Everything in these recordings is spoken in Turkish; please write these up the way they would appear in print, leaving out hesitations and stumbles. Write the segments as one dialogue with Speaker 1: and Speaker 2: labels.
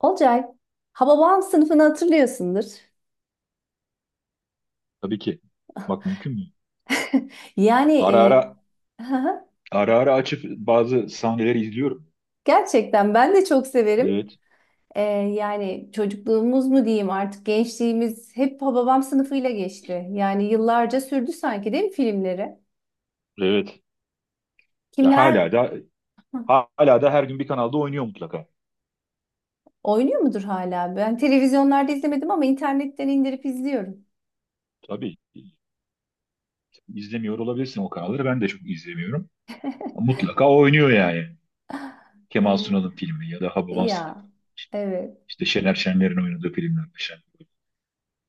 Speaker 1: Olcay, Hababam sınıfını hatırlıyorsundur.
Speaker 2: Tabii ki. Bak mümkün mü?
Speaker 1: Yani
Speaker 2: Ara ara
Speaker 1: e,
Speaker 2: ara ara açıp bazı sahneleri izliyorum.
Speaker 1: gerçekten ben de çok severim.
Speaker 2: Evet.
Speaker 1: Yani çocukluğumuz mu diyeyim artık gençliğimiz hep Hababam sınıfıyla geçti. Yani yıllarca sürdü sanki değil mi filmleri?
Speaker 2: Evet. Ya
Speaker 1: Kimler
Speaker 2: hala da her gün bir kanalda oynuyor mutlaka.
Speaker 1: oynuyor mudur hala? Ben televizyonlarda izlemedim ama internetten indirip izliyorum.
Speaker 2: Tabii. izlemiyor olabilirsin o kanalları. Ben de çok izlemiyorum. Mutlaka oynuyor yani. Kemal Sunal'ın filmi ya da
Speaker 1: E,
Speaker 2: Hababam işte
Speaker 1: ya evet.
Speaker 2: Şener Şenler'in oynadığı filmler. Şen.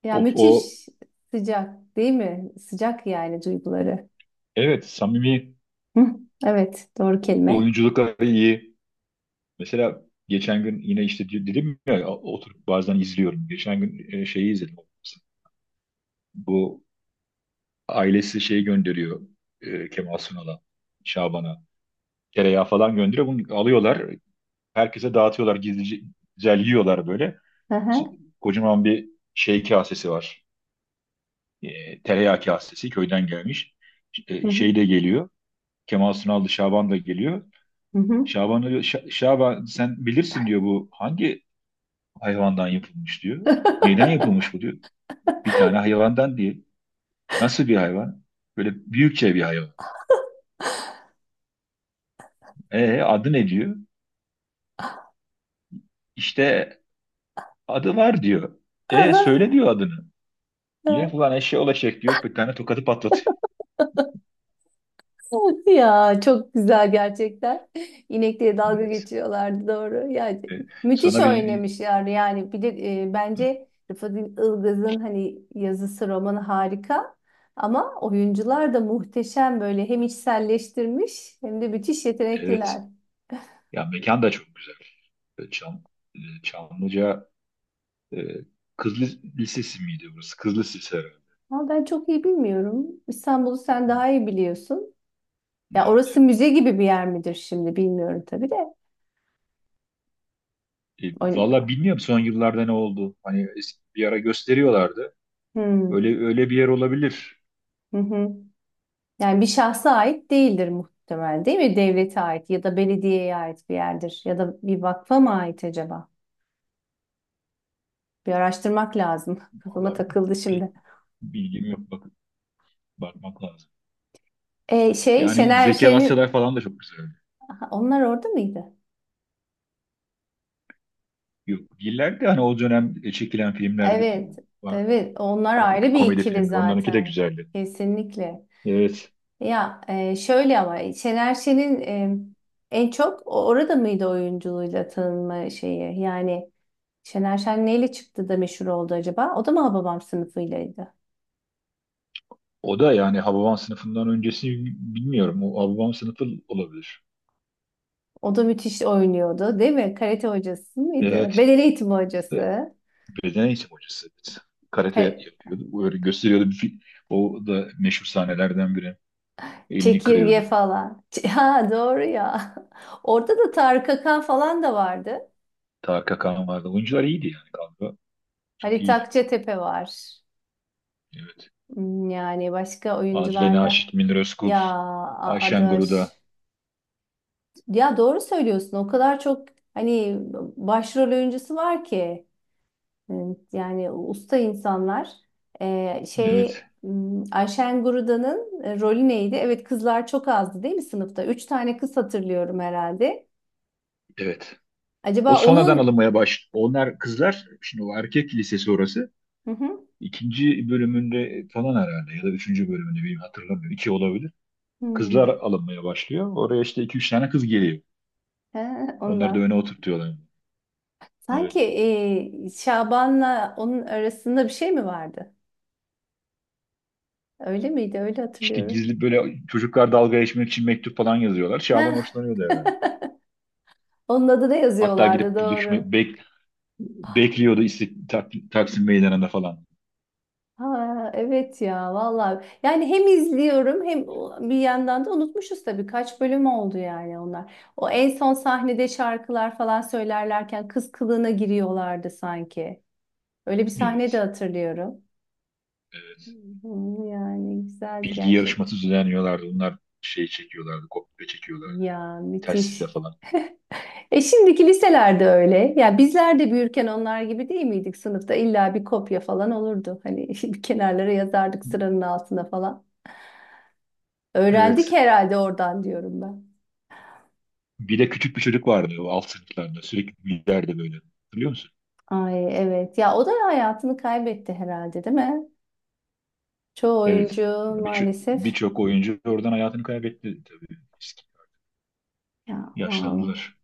Speaker 1: Ya
Speaker 2: O,
Speaker 1: müthiş sıcak değil mi? Sıcak yani duyguları.
Speaker 2: evet, samimi
Speaker 1: Hı, evet, doğru kelime.
Speaker 2: oyunculukları iyi. Mesela geçen gün yine işte dedim ya oturup bazen izliyorum. Geçen gün şeyi izledim. Bu ailesi şey gönderiyor, Kemal Sunal'a, Şaban'a. Tereyağı falan gönderiyor. Bunu alıyorlar. Herkese dağıtıyorlar. Gizlice güzel yiyorlar böyle.
Speaker 1: Hı hı,
Speaker 2: Kocaman bir şey kasesi var. E, tereyağı kasesi köyden gelmiş.
Speaker 1: hı
Speaker 2: E,
Speaker 1: hı,
Speaker 2: şey de geliyor. Kemal Sunal da Şaban da geliyor.
Speaker 1: hı hı.
Speaker 2: Şaban diyor, "Şa- Şaban sen bilirsin diyor, bu hangi hayvandan yapılmış diyor. Neyden yapılmış bu diyor. Bir tane hayvandan değil. Nasıl bir hayvan? Böyle büyükçe bir hayvan. E adı ne diyor? İşte adı var diyor. E
Speaker 1: Aha,
Speaker 2: söyle diyor adını.
Speaker 1: ya.
Speaker 2: Yine falan eşya olacak diyor. Bir tane tokatı patlatıyor.
Speaker 1: Ya, çok güzel gerçekten. İnekliğe dalga
Speaker 2: Evet.
Speaker 1: geçiyorlardı, doğru. Yani
Speaker 2: E,
Speaker 1: müthiş
Speaker 2: Sonra bir
Speaker 1: oynamışlar yani bir de bence Rıfat Ilgaz'ın hani yazısı romanı harika, ama oyuncular da muhteşem, böyle hem içselleştirmiş hem de müthiş
Speaker 2: evet.
Speaker 1: yetenekliler.
Speaker 2: Ya mekan da çok güzel. E, Çam, Çamlıca e, Kız Lis- Lisesi miydi burası? Kız Lisesi herhalde.
Speaker 1: Ama ben çok iyi bilmiyorum. İstanbul'u sen daha iyi biliyorsun. Ya
Speaker 2: Evet.
Speaker 1: orası müze gibi bir yer midir şimdi bilmiyorum tabii de.
Speaker 2: E,
Speaker 1: Oyn-
Speaker 2: Valla bilmiyorum son yıllarda ne oldu. Hani es- bir ara gösteriyorlardı.
Speaker 1: Hmm.
Speaker 2: Öyle bir yer olabilir.
Speaker 1: Hı hı. Yani bir şahsa ait değildir muhtemelen, değil mi? Devlete ait ya da belediyeye ait bir yerdir, ya da bir vakfa mı ait acaba? Bir araştırmak lazım. Kafama
Speaker 2: Valla
Speaker 1: takıldı
Speaker 2: pek
Speaker 1: şimdi.
Speaker 2: bilgim yok. Bak, bakmak lazım.
Speaker 1: Şey,
Speaker 2: Yani
Speaker 1: Şener
Speaker 2: Zeki
Speaker 1: Şen'in.
Speaker 2: Alasyalar falan da çok güzel.
Speaker 1: Aha, onlar orada mıydı?
Speaker 2: Yok, değiller de hani o dönem çekilen filmlerde
Speaker 1: Evet. Evet, onlar
Speaker 2: komik
Speaker 1: ayrı bir
Speaker 2: komedi
Speaker 1: ikili
Speaker 2: filmler onlarınki de
Speaker 1: zaten.
Speaker 2: güzeldi.
Speaker 1: Kesinlikle.
Speaker 2: Evet.
Speaker 1: Ya şöyle, ama Şener Şen'in en çok orada mıydı oyunculuğuyla tanınma şeyi? Yani Şener Şen neyle çıktı da meşhur oldu acaba? O da mı Hababam sınıfıylaydı?
Speaker 2: O da yani Hababam sınıfından öncesi bilmiyorum. O Hababam sınıfı olabilir.
Speaker 1: O da müthiş oynuyordu, değil mi? Karate hocası mıydı?
Speaker 2: Evet.
Speaker 1: Beden eğitimi
Speaker 2: E,
Speaker 1: hocası.
Speaker 2: Beden eğitim hocası. Evet. Karate
Speaker 1: Kare-
Speaker 2: yapıyordu. Öyle gösteriyordu. Bir fi- o da meşhur sahnelerden biri. Elini
Speaker 1: Çekirge
Speaker 2: kırıyordu.
Speaker 1: falan. Ha, doğru ya. Orada da Tarık Akan falan da vardı.
Speaker 2: Tarık Akan vardı. Oyuncular iyiydi yani galiba. Çok
Speaker 1: Halit
Speaker 2: iyiydi.
Speaker 1: Akçatepe var.
Speaker 2: Evet.
Speaker 1: Yani başka
Speaker 2: Adile
Speaker 1: oyuncularda.
Speaker 2: Naşit, Münir Özkul,
Speaker 1: Ya
Speaker 2: Ayşen
Speaker 1: Adaş.
Speaker 2: Guruda.
Speaker 1: Ya, doğru söylüyorsun. O kadar çok hani başrol oyuncusu var ki, e, yani usta insanlar.
Speaker 2: Evet.
Speaker 1: Şey, Ayşen Guruda'nın rolü neydi? Evet, kızlar çok azdı değil mi sınıfta? Üç tane kız hatırlıyorum herhalde.
Speaker 2: Evet. O
Speaker 1: Acaba
Speaker 2: sonradan
Speaker 1: onun.
Speaker 2: alınmaya baş. Onlar kızlar, şimdi o erkek lisesi orası.
Speaker 1: Hı hı.
Speaker 2: İkinci bölümünde falan herhalde ya da üçüncü bölümünde bilmiyorum, hatırlamıyorum. İki olabilir. Kızlar
Speaker 1: Hmm.
Speaker 2: alınmaya başlıyor. Oraya işte iki üç tane kız geliyor.
Speaker 1: He,
Speaker 2: Onları da
Speaker 1: ondan.
Speaker 2: öne oturtuyorlar.
Speaker 1: Sanki
Speaker 2: Evet.
Speaker 1: Şaban'la onun arasında bir şey mi vardı? Öyle miydi? Öyle
Speaker 2: İşte
Speaker 1: hatırlıyorum.
Speaker 2: gizli böyle çocuklar dalga geçmek için mektup falan yazıyorlar. Şaban
Speaker 1: Heh,
Speaker 2: hoşlanıyordu herhalde.
Speaker 1: onun adını
Speaker 2: Hatta
Speaker 1: yazıyorlardı,
Speaker 2: gidip
Speaker 1: doğru.
Speaker 2: düşme, bek, bekliyordu istik, tak, Taksim Meydanı'nda falan.
Speaker 1: Ha, evet ya, vallahi yani hem izliyorum, hem bir yandan da unutmuşuz tabii, kaç bölüm oldu yani onlar. O en son sahnede şarkılar falan söylerlerken kız kılığına giriyorlardı sanki. Öyle bir sahne de
Speaker 2: Evet.
Speaker 1: hatırlıyorum.
Speaker 2: Evet.
Speaker 1: Yani güzeldi
Speaker 2: Bilgi yarışması
Speaker 1: gerçekten.
Speaker 2: düzenliyorlardı. Onlar şey çekiyorlardı, kopya çekiyorlardı.
Speaker 1: Ya,
Speaker 2: Telsizle
Speaker 1: müthiş.
Speaker 2: falan.
Speaker 1: Şimdiki liselerde öyle. Ya, bizler de büyürken onlar gibi değil miydik sınıfta? İlla bir kopya falan olurdu. Hani bir kenarlara yazardık, sıranın altına falan. Öğrendik
Speaker 2: Evet.
Speaker 1: herhalde oradan diyorum ben.
Speaker 2: Bir de küçük bir çocuk vardı o alt sınıflarda. Sürekli gülerdi böyle. Hatırlıyor musun?
Speaker 1: Ay, evet. Ya o da hayatını kaybetti herhalde, değil mi? Çoğu oyuncu
Speaker 2: Evet. Ya birço-
Speaker 1: maalesef.
Speaker 2: birçok oyuncu oradan hayatını kaybetti tabii. Eski-
Speaker 1: Ya vallahi.
Speaker 2: Yaşlandılar.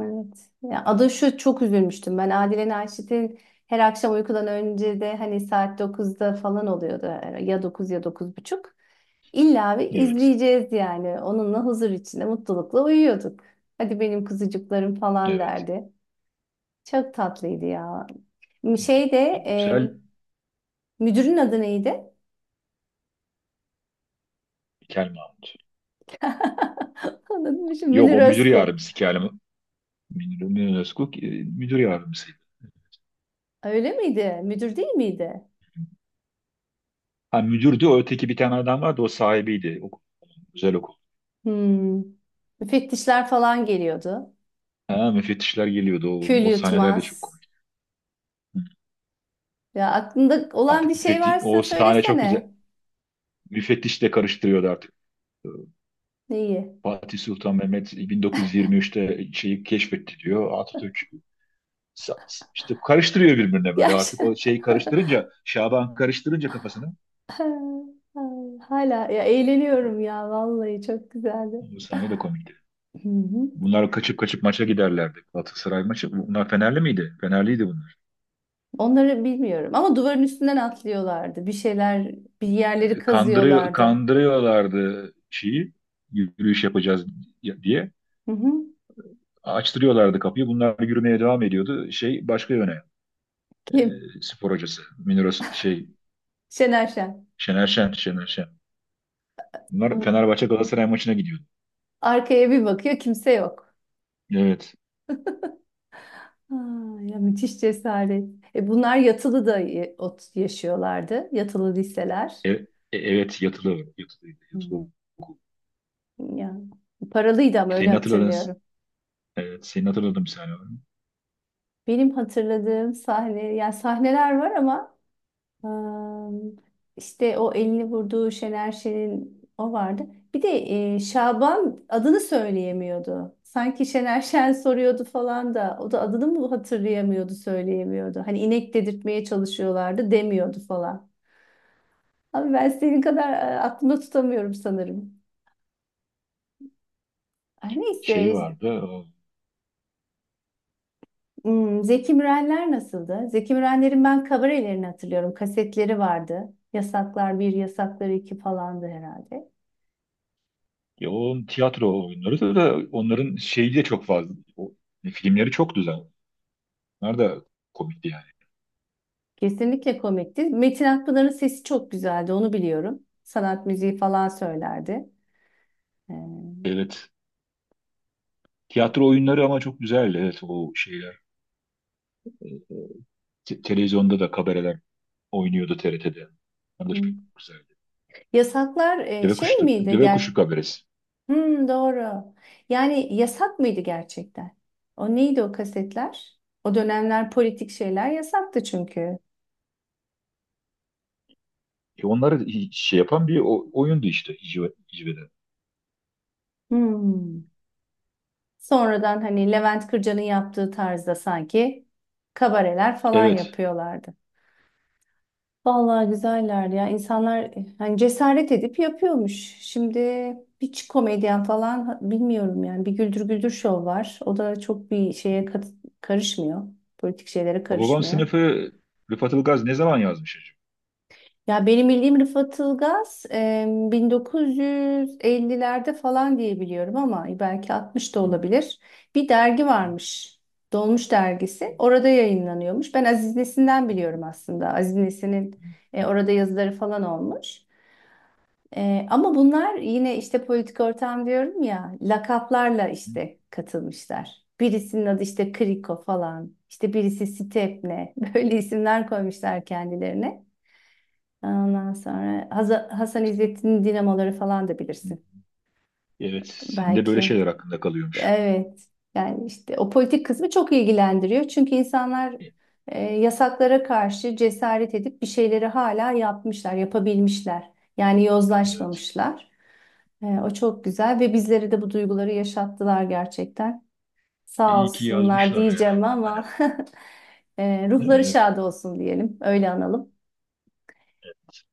Speaker 1: Evet. Ya, adı şu, çok üzülmüştüm. Ben Adile Naşit'in her akşam uykudan önce de hani saat 9'da falan oluyordu. Ya 9 ya dokuz buçuk. İlla bir
Speaker 2: Evet.
Speaker 1: izleyeceğiz yani. Onunla huzur içinde mutlulukla uyuyorduk. Hadi benim kuzucuklarım falan
Speaker 2: Evet.
Speaker 1: derdi. Çok tatlıydı ya. Şey de e,
Speaker 2: Güzel.
Speaker 1: müdürün adı neydi?
Speaker 2: Kel Mahmut.
Speaker 1: Anladım şimdi,
Speaker 2: Yok,
Speaker 1: Münir
Speaker 2: o müdür
Speaker 1: Özkul.
Speaker 2: yardımcısı Kel Mahmut. Münir Özkul müdür yardımcısıydı.
Speaker 1: Öyle miydi? Müdür değil miydi?
Speaker 2: Ha müdürdü o, öteki bir tane adam vardı, o sahibiydi. O, güzel okul.
Speaker 1: Hmm. Müfettişler falan geliyordu.
Speaker 2: Ha, müfettişler geliyordu. O,
Speaker 1: Kül
Speaker 2: o sahneler de
Speaker 1: yutmaz.
Speaker 2: çok komik. Hı.
Speaker 1: Ya, aklında olan bir
Speaker 2: Artık
Speaker 1: şey
Speaker 2: müfettiş,
Speaker 1: varsa
Speaker 2: o sahne çok güzel.
Speaker 1: söylesene.
Speaker 2: Müfettiş de karıştırıyordu artık.
Speaker 1: Neyi?
Speaker 2: Fatih Sultan Mehmet 1923'te şeyi keşfetti diyor. Atatürk işte karıştırıyor birbirine böyle artık o
Speaker 1: Gerçi
Speaker 2: şeyi karıştırınca Şaban karıştırınca kafasını
Speaker 1: hala ya eğleniyorum, ya vallahi çok güzeldi.
Speaker 2: bu sahne de komikti.
Speaker 1: Hı hı.
Speaker 2: Bunlar kaçıp kaçıp maça giderlerdi. Galatasaray maçı. Bunlar Fenerli miydi? Fenerliydi bunlar.
Speaker 1: Onları bilmiyorum ama duvarın üstünden atlıyorlardı. Bir şeyler, bir yerleri
Speaker 2: Kandırıyor,
Speaker 1: kazıyorlardı.
Speaker 2: kandırıyorlardı şeyi, yürüyüş yapacağız diye.
Speaker 1: Hı hı.
Speaker 2: Açtırıyorlardı kapıyı. Bunlar yürümeye devam ediyordu. Şey başka yöne. E,
Speaker 1: Kim?
Speaker 2: spor hocası. Münir şey,
Speaker 1: Şener Şen.
Speaker 2: Şener Şen. Bunlar
Speaker 1: O-
Speaker 2: Fenerbahçe Galatasaray maçına gidiyordu.
Speaker 1: Arkaya bir bakıyor, kimse yok.
Speaker 2: Evet.
Speaker 1: Aa, ya müthiş cesaret. Bunlar yatılı da yaşıyorlardı. Yatılı liseler.
Speaker 2: E- e- evet yatılı. Yatılı,
Speaker 1: Hmm.
Speaker 2: yatılı okul.
Speaker 1: Ya paralıydı ama, öyle
Speaker 2: Senin hatırladığın,
Speaker 1: hatırlıyorum.
Speaker 2: evet, senin hatırladığın bir sahne var mı?
Speaker 1: Benim hatırladığım sahne, yani sahneler var ama ım, işte o elini vurduğu Şener Şen'in, o vardı. Bir de Şaban adını söyleyemiyordu. Sanki Şener Şen soruyordu falan da, o da adını mı hatırlayamıyordu, söyleyemiyordu. Hani inek dedirtmeye çalışıyorlardı, demiyordu falan. Abi, ben senin kadar aklımda tutamıyorum sanırım. Ay,
Speaker 2: Şey
Speaker 1: neyse.
Speaker 2: vardı. O,
Speaker 1: Zeki Mürenler nasıldı? Zeki Mürenlerin ben kabarelerini hatırlıyorum. Kasetleri vardı. Yasaklar bir, Yasaklar 2 falandı herhalde.
Speaker 2: ya onun tiyatro oyunları da onların şeyi de çok fazla. O, filmleri çok güzel. Onlar da komikti yani.
Speaker 1: Kesinlikle komikti. Metin Akpınar'ın sesi çok güzeldi, onu biliyorum. Sanat müziği falan söylerdi. Ee,
Speaker 2: Evet. Tiyatro oyunları ama çok güzeldi. Evet o şeyler. Te- televizyonda da kabareler oynuyordu TRT'de. Onlar da çok
Speaker 1: hmm.
Speaker 2: güzeldi.
Speaker 1: Yasaklar
Speaker 2: Deve
Speaker 1: şey
Speaker 2: kuşu,
Speaker 1: miydi?
Speaker 2: deve kuşu kabaresi.
Speaker 1: Hmm, doğru. Yani yasak mıydı gerçekten? O neydi o kasetler? O dönemler politik şeyler yasaktı çünkü.
Speaker 2: E onları hi- şey yapan bir o- oyundu işte İcve'de.
Speaker 1: Hmm. Sonradan hani Levent Kırca'nın yaptığı tarzda sanki kabareler falan
Speaker 2: Evet.
Speaker 1: yapıyorlardı. Vallahi güzeller ya. İnsanlar hani cesaret edip yapıyormuş. Şimdi hiç komedyen falan bilmiyorum yani. Bir Güldür Güldür show var. O da çok bir şeye karışmıyor. Politik şeylere
Speaker 2: Babam
Speaker 1: karışmıyor.
Speaker 2: sınıfı Rıfat Ilgaz ne zaman yazmış acaba?
Speaker 1: Ya benim bildiğim Rıfat Ilgaz 1950'lerde falan diye biliyorum, ama belki 60 da
Speaker 2: Hı,
Speaker 1: olabilir. Bir dergi
Speaker 2: hı,
Speaker 1: varmış. Dolmuş dergisi. Orada yayınlanıyormuş. Ben Aziz Nesin'den biliyorum aslında. Aziz Nesin'in
Speaker 2: hı,
Speaker 1: orada yazıları falan olmuş. Ama bunlar yine işte politik ortam diyorum ya, lakaplarla
Speaker 2: hı,
Speaker 1: işte katılmışlar. Birisinin adı işte Kriko falan. İşte birisi Stepne. Böyle isimler koymuşlar kendilerine. Ondan sonra Hasan İzzettin'in dinamoları falan da
Speaker 2: hı.
Speaker 1: bilirsin.
Speaker 2: Evet, senin de böyle
Speaker 1: Belki.
Speaker 2: şeyler hakkında kalıyormuş.
Speaker 1: Evet. Yani işte o politik kısmı çok ilgilendiriyor. Çünkü insanlar yasaklara karşı cesaret edip bir şeyleri hala yapmışlar, yapabilmişler. Yani
Speaker 2: Evet.
Speaker 1: yozlaşmamışlar. O çok güzel, ve bizlere de bu duyguları yaşattılar gerçekten. Sağ
Speaker 2: İyi ki
Speaker 1: olsunlar
Speaker 2: yazmışlar
Speaker 1: diyeceğim,
Speaker 2: yani.
Speaker 1: ama ruhları
Speaker 2: Evet.
Speaker 1: şad olsun diyelim. Öyle analım.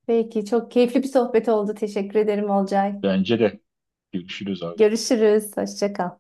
Speaker 1: Peki, çok keyifli bir sohbet oldu. Teşekkür ederim Olcay.
Speaker 2: Bence de. Görüşürüz abi.
Speaker 1: Görüşürüz. Hoşça kal.